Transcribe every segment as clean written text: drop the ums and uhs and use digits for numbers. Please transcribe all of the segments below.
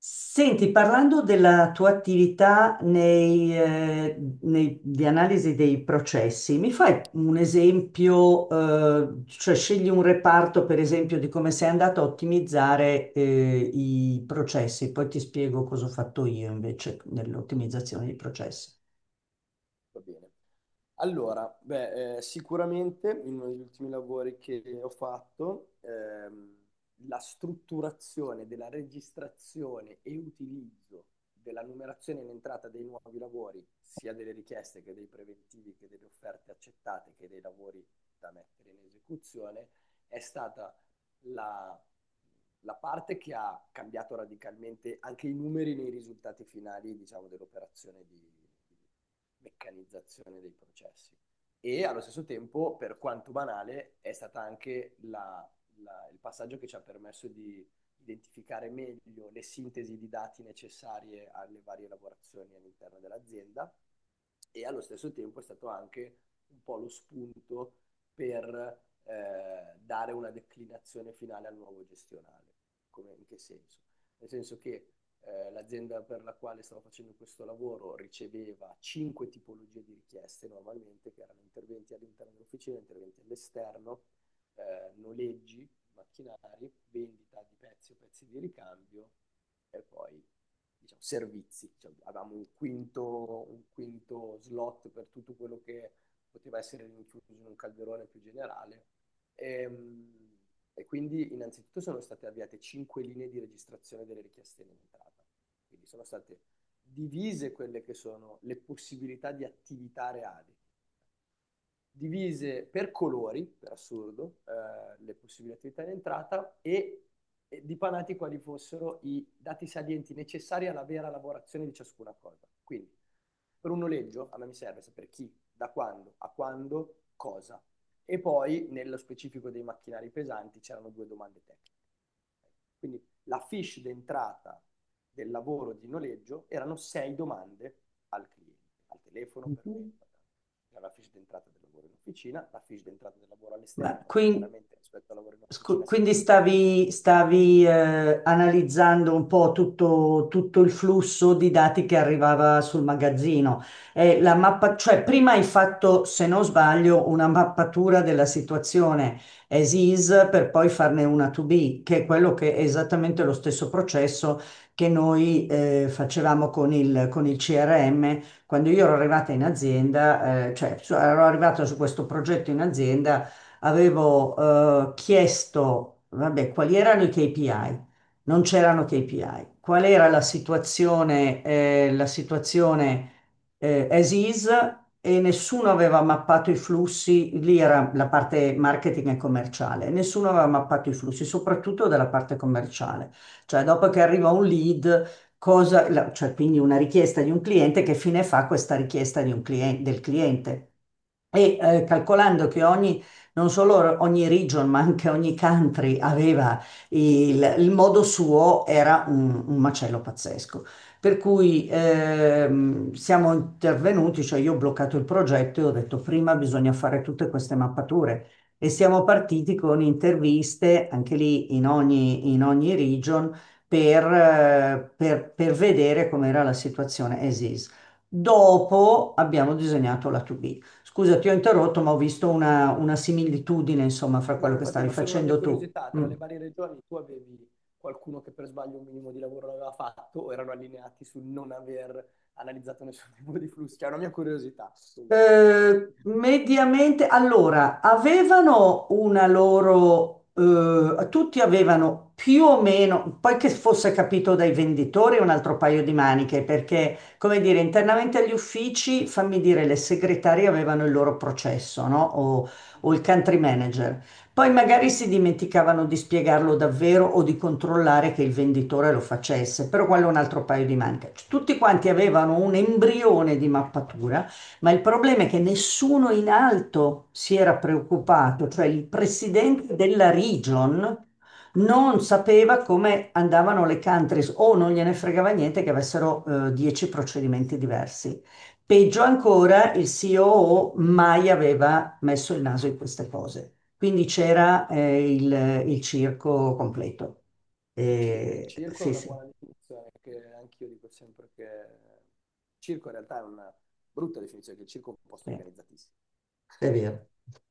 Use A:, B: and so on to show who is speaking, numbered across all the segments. A: Senti, parlando della tua attività di analisi dei processi, mi fai un esempio, cioè scegli un reparto, per esempio, di come sei andato a ottimizzare, i processi, poi ti spiego cosa ho fatto io invece nell'ottimizzazione dei processi.
B: Va bene. Allora, beh, sicuramente in uno degli ultimi lavori che ho fatto, la strutturazione della registrazione e utilizzo della numerazione in entrata dei nuovi lavori, sia delle richieste che dei preventivi, che delle offerte accettate, che dei lavori da mettere in esecuzione, è stata la parte che ha cambiato radicalmente anche i numeri nei risultati finali, diciamo, dell'operazione di meccanizzazione dei processi. E allo stesso tempo, per quanto banale, è stata anche il passaggio che ci ha permesso di identificare meglio le sintesi di dati necessarie alle varie lavorazioni all'interno dell'azienda e allo stesso tempo è stato anche un po' lo spunto per dare una declinazione finale al nuovo gestionale. Come... in che senso? Nel senso che l'azienda per la quale stavo facendo questo lavoro riceveva 5 tipologie di richieste normalmente, che erano interventi all'interno dell'officina, interventi all'esterno, noleggi, macchinari, vendita di pezzi o pezzi di ricambio e poi, diciamo, servizi. Cioè, avevamo un quinto slot per tutto quello che poteva essere rinchiuso in un calderone più generale. Ehm, quindi innanzitutto sono state avviate 5 linee di registrazione delle richieste in entrata, quindi sono state divise quelle che sono le possibilità di attività reali, divise per colori, per assurdo, le possibili attività in entrata e dipanati quali fossero i dati salienti necessari alla vera lavorazione di ciascuna cosa. Quindi, per un noleggio, a me mi serve sapere chi, da quando, a quando, cosa. E poi, nello specifico dei macchinari pesanti, c'erano 2 domande tecniche. Quindi la fiche d'entrata del lavoro di noleggio erano 6 domande al cliente, al telefono, per me.
A: Mhm.
B: La fiche d'entrata del lavoro in officina, la fiche d'entrata del lavoro
A: Ma
B: all'esterno, che
A: quindi
B: chiaramente rispetto al lavoro in officina si
A: Quindi
B: differiva nel...
A: stavi analizzando un po' tutto il flusso di dati che arrivava sul magazzino. E la mappa, cioè prima hai fatto, se non sbaglio, una mappatura della situazione as is per poi farne una to be, che è quello che è esattamente lo stesso processo che noi facevamo con il CRM. Quando io ero arrivata in azienda, cioè ero arrivata su questo progetto in azienda, avevo chiesto, vabbè, quali erano i KPI? Non c'erano KPI. Qual era la situazione, as is, e nessuno aveva mappato i flussi, lì era la parte marketing e commerciale, nessuno aveva mappato i flussi, soprattutto dalla parte commerciale. Cioè, dopo che arriva un lead, cioè, quindi una richiesta di un cliente, che fine fa questa richiesta di un del cliente? E calcolando che ogni non solo ogni region, ma anche ogni country aveva il modo suo, era un macello pazzesco. Per cui siamo intervenuti, cioè io ho bloccato il progetto e ho detto prima bisogna fare tutte queste mappature, e siamo partiti con interviste anche lì in ogni region per, per vedere com'era la situazione as is. Dopo abbiamo disegnato la 2B. Scusa, ti ho interrotto, ma ho visto una similitudine, insomma, fra
B: No,
A: quello
B: ma
A: che
B: infatti,
A: stavi
B: ma solo una mia
A: facendo tu.
B: curiosità, tra
A: Mm.
B: le varie regioni tu avevi qualcuno che per sbaglio un minimo di lavoro l'aveva fatto o erano allineati sul non aver analizzato nessun tipo di flusso? Cioè, è una mia curiosità. Sì.
A: Mediamente, allora, avevano una loro, tutti avevano più o meno, poi che fosse capito dai venditori, è un altro paio di maniche, perché, come dire, internamente agli uffici, fammi dire, le segretarie avevano il loro processo, no? O il country manager. Poi
B: Eh.
A: magari si dimenticavano di spiegarlo davvero o di controllare che il venditore lo facesse, però quello è un altro paio di maniche. Tutti quanti avevano un embrione di mappatura, ma il problema è che nessuno in alto si era preoccupato, cioè il presidente della region non sapeva come andavano le countries o non gliene fregava niente che avessero 10 procedimenti diversi. Peggio ancora, il COO mai aveva messo il naso in queste cose. Quindi c'era il circo completo.
B: Il circo è
A: Sì,
B: una
A: sì.
B: buona definizione, che anch'io dico sempre che il circo in realtà è una brutta definizione, che il circo è un posto
A: Sì.
B: organizzatissimo.
A: È vero,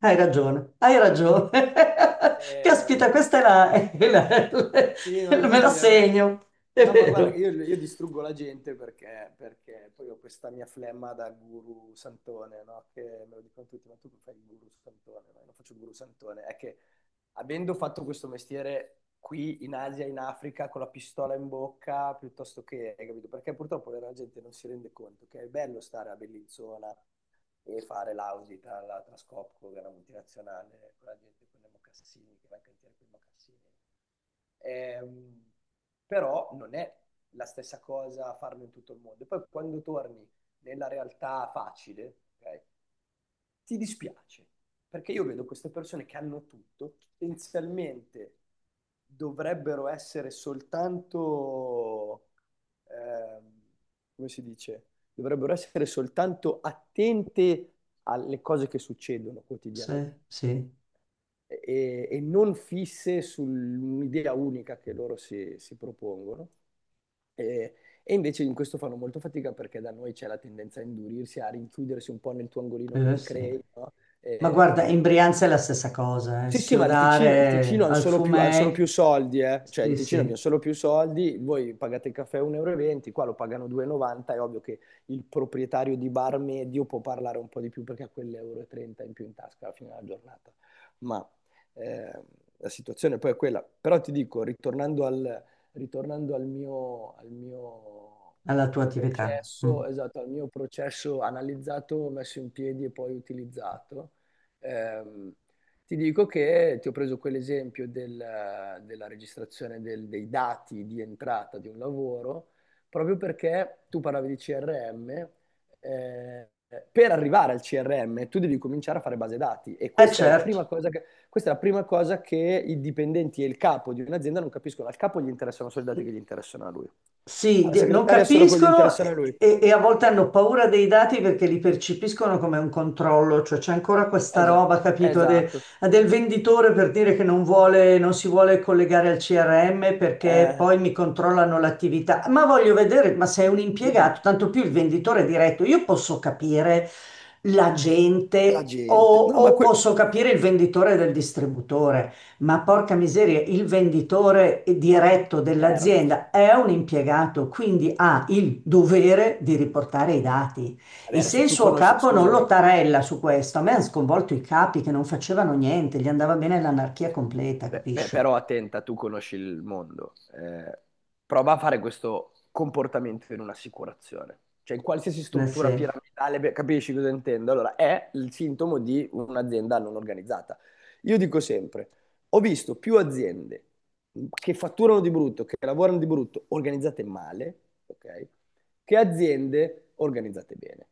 A: hai ragione, hai ragione. Caspita,
B: Ehm,
A: questa
B: sì, no,
A: me la
B: infatti a me...
A: segno, è
B: No, ma guarda,
A: vero.
B: io distruggo la gente perché poi ho questa mia flemma da guru santone, no? Che me lo dicono tutti, ma tu fai il guru santone, no? Io non faccio il guru santone. È che avendo fatto questo mestiere qui in Asia, in Africa, con la pistola in bocca, piuttosto che, hai capito? Perché purtroppo la gente non si rende conto che è bello stare a Bellinzona e fare l'audit alla Trascopco, che è una multinazionale, con la gente con i mocassini, che va in cantiere con i mocassini. Ehm, però non è la stessa cosa farlo in tutto il mondo. E poi quando torni nella realtà facile, ok, ti dispiace, perché io vedo queste persone che hanno tutto, potenzialmente dovrebbero essere soltanto, ehm, come si dice, dovrebbero essere soltanto attente alle cose che succedono quotidianamente
A: Sì, sì,
B: e non fisse sull'idea unica che loro si propongono. E, e invece in questo fanno molto fatica perché da noi c'è la tendenza a indurirsi, a rinchiudersi un po' nel tuo angolino che ti
A: sì.
B: crei, no?
A: Ma
B: E
A: guarda, in Brianza è la stessa cosa, eh.
B: sì, sì, ma il
A: Schiodare
B: Ticino hanno
A: al
B: solo più, han solo
A: fumei,
B: più soldi, eh. Cioè, in
A: sì,
B: Ticino abbiamo
A: sì,
B: solo più soldi, voi pagate il caffè 1,20 euro, e venti, qua lo pagano 2,90, è ovvio che il proprietario di bar medio può parlare un po' di più perché ha quell'1,30 euro in più in tasca alla fine della giornata. Ma eh, la situazione poi è quella. Però ti dico, ritornando al mio
A: alla tua attività. Mm.
B: processo, esatto, al mio processo analizzato, messo in piedi e poi utilizzato, ehm, ti dico che ti ho preso quell'esempio della registrazione dei dati di entrata di un lavoro, proprio perché tu parlavi di CRM, eh, per arrivare al CRM tu devi cominciare a fare base dati e
A: Eh certo.
B: questa è la prima cosa che i dipendenti e il capo di un'azienda non capiscono. Al capo gli interessano solo i dati che gli interessano a lui,
A: Sì,
B: alla
A: non
B: segretaria solo quelli che gli
A: capiscono,
B: interessano a
A: e,
B: lui.
A: e- e a volte hanno paura dei dati perché li percepiscono come un controllo, cioè c'è ancora questa
B: Esatto,
A: roba, capito,
B: esatto.
A: del venditore, per dire che non vuole, non si vuole collegare al CRM perché
B: Eh,
A: poi mi controllano l'attività. Ma voglio vedere, ma sei un
B: io devo...
A: impiegato, tanto più il venditore diretto, io posso capire la
B: La
A: gente o
B: gente, no, ma,
A: o posso capire il venditore del distributore. Ma porca miseria, il venditore diretto
B: interno, sì.
A: dell'azienda è un impiegato, quindi ha il dovere di riportare i dati.
B: Vabbè,
A: E se
B: adesso
A: il
B: tu
A: suo
B: conosci,
A: capo non lo
B: scusami.
A: tarella su questo, a me hanno sconvolto i capi che non facevano niente, gli andava bene l'anarchia completa,
B: Beh,
A: capisci?
B: però attenta, tu conosci il mondo. Prova a fare questo comportamento in un'assicurazione. Cioè, in qualsiasi
A: Eh
B: struttura
A: sì,
B: piramidale, beh, capisci cosa intendo? Allora, è il sintomo di un'azienda non organizzata. Io dico sempre, ho visto più aziende che fatturano di brutto, che lavorano di brutto, organizzate male, ok? Che aziende organizzate bene.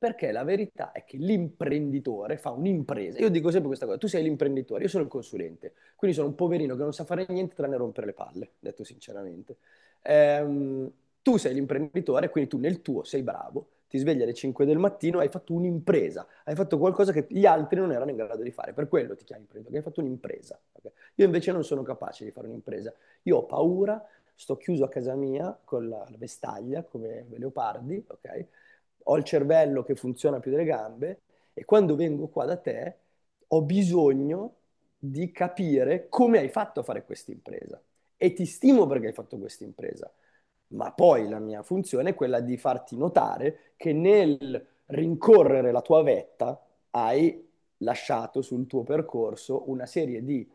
B: Perché la verità è che l'imprenditore fa un'impresa. Io dico sempre questa cosa, tu sei l'imprenditore, io sono il consulente. Quindi sono un poverino che non sa fare niente tranne rompere le palle, detto sinceramente. Ehm, tu sei l'imprenditore, quindi tu nel tuo sei bravo, ti svegli alle 5 del mattino, hai fatto un'impresa, hai fatto qualcosa che gli altri non erano in grado di fare, per quello ti chiami imprenditore, perché hai fatto un'impresa. Ok? Io invece non sono capace di fare un'impresa, io ho paura, sto chiuso a casa mia con la vestaglia come i leopardi, ok? Ho il cervello che funziona più delle gambe e quando vengo qua da te ho bisogno di capire come hai fatto a fare questa impresa e ti stimo perché hai fatto questa impresa, ma poi la mia funzione è quella di farti notare che nel rincorrere la tua vetta hai lasciato sul tuo percorso una serie di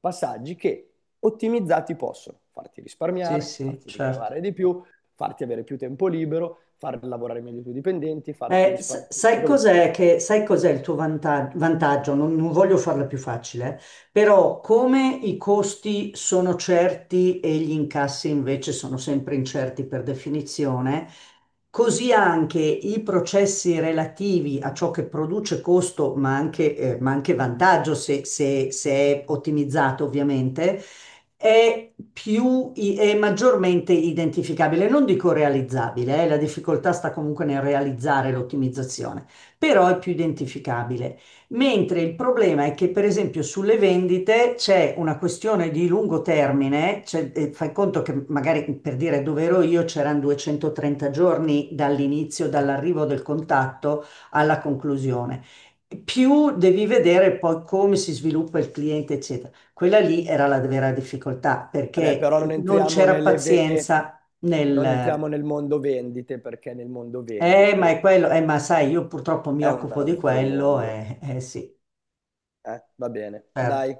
B: passaggi che ottimizzati possono farti
A: sì,
B: risparmiare,
A: sì,
B: farti
A: certo.
B: ricavare di più, farti avere più tempo libero, far lavorare meglio i tuoi dipendenti, farti
A: Eh, sa-
B: risparmiare, cioè,
A: sai
B: capito?
A: cos'è che-
B: Ecco.
A: sai cos'è il tuo vantaggio? Non voglio farla più facile, eh. Però come i costi sono certi e gli incassi invece sono sempre incerti per definizione, così anche i processi relativi a ciò che produce costo, ma anche, ma anche vantaggio, se se è ottimizzato ovviamente, è più, è maggiormente identificabile, non dico realizzabile, la difficoltà sta comunque nel realizzare l'ottimizzazione, però è più identificabile. Mentre il problema è che, per esempio, sulle vendite c'è una questione di lungo termine, cioè, fai conto che magari, per dire, dove ero io c'erano 230 giorni dall'inizio, dall'arrivo del contatto alla conclusione. Più devi vedere poi come si sviluppa il cliente, eccetera. Quella lì era la vera difficoltà
B: Vabbè, però
A: perché non c'era pazienza
B: non
A: nel
B: entriamo nel mondo vendite perché nel mondo
A: ma è
B: vendite
A: quello, ma sai, io purtroppo mi
B: è un
A: occupo di
B: altro
A: quello,
B: mondo.
A: eh sì,
B: Va bene, dai.
A: certo.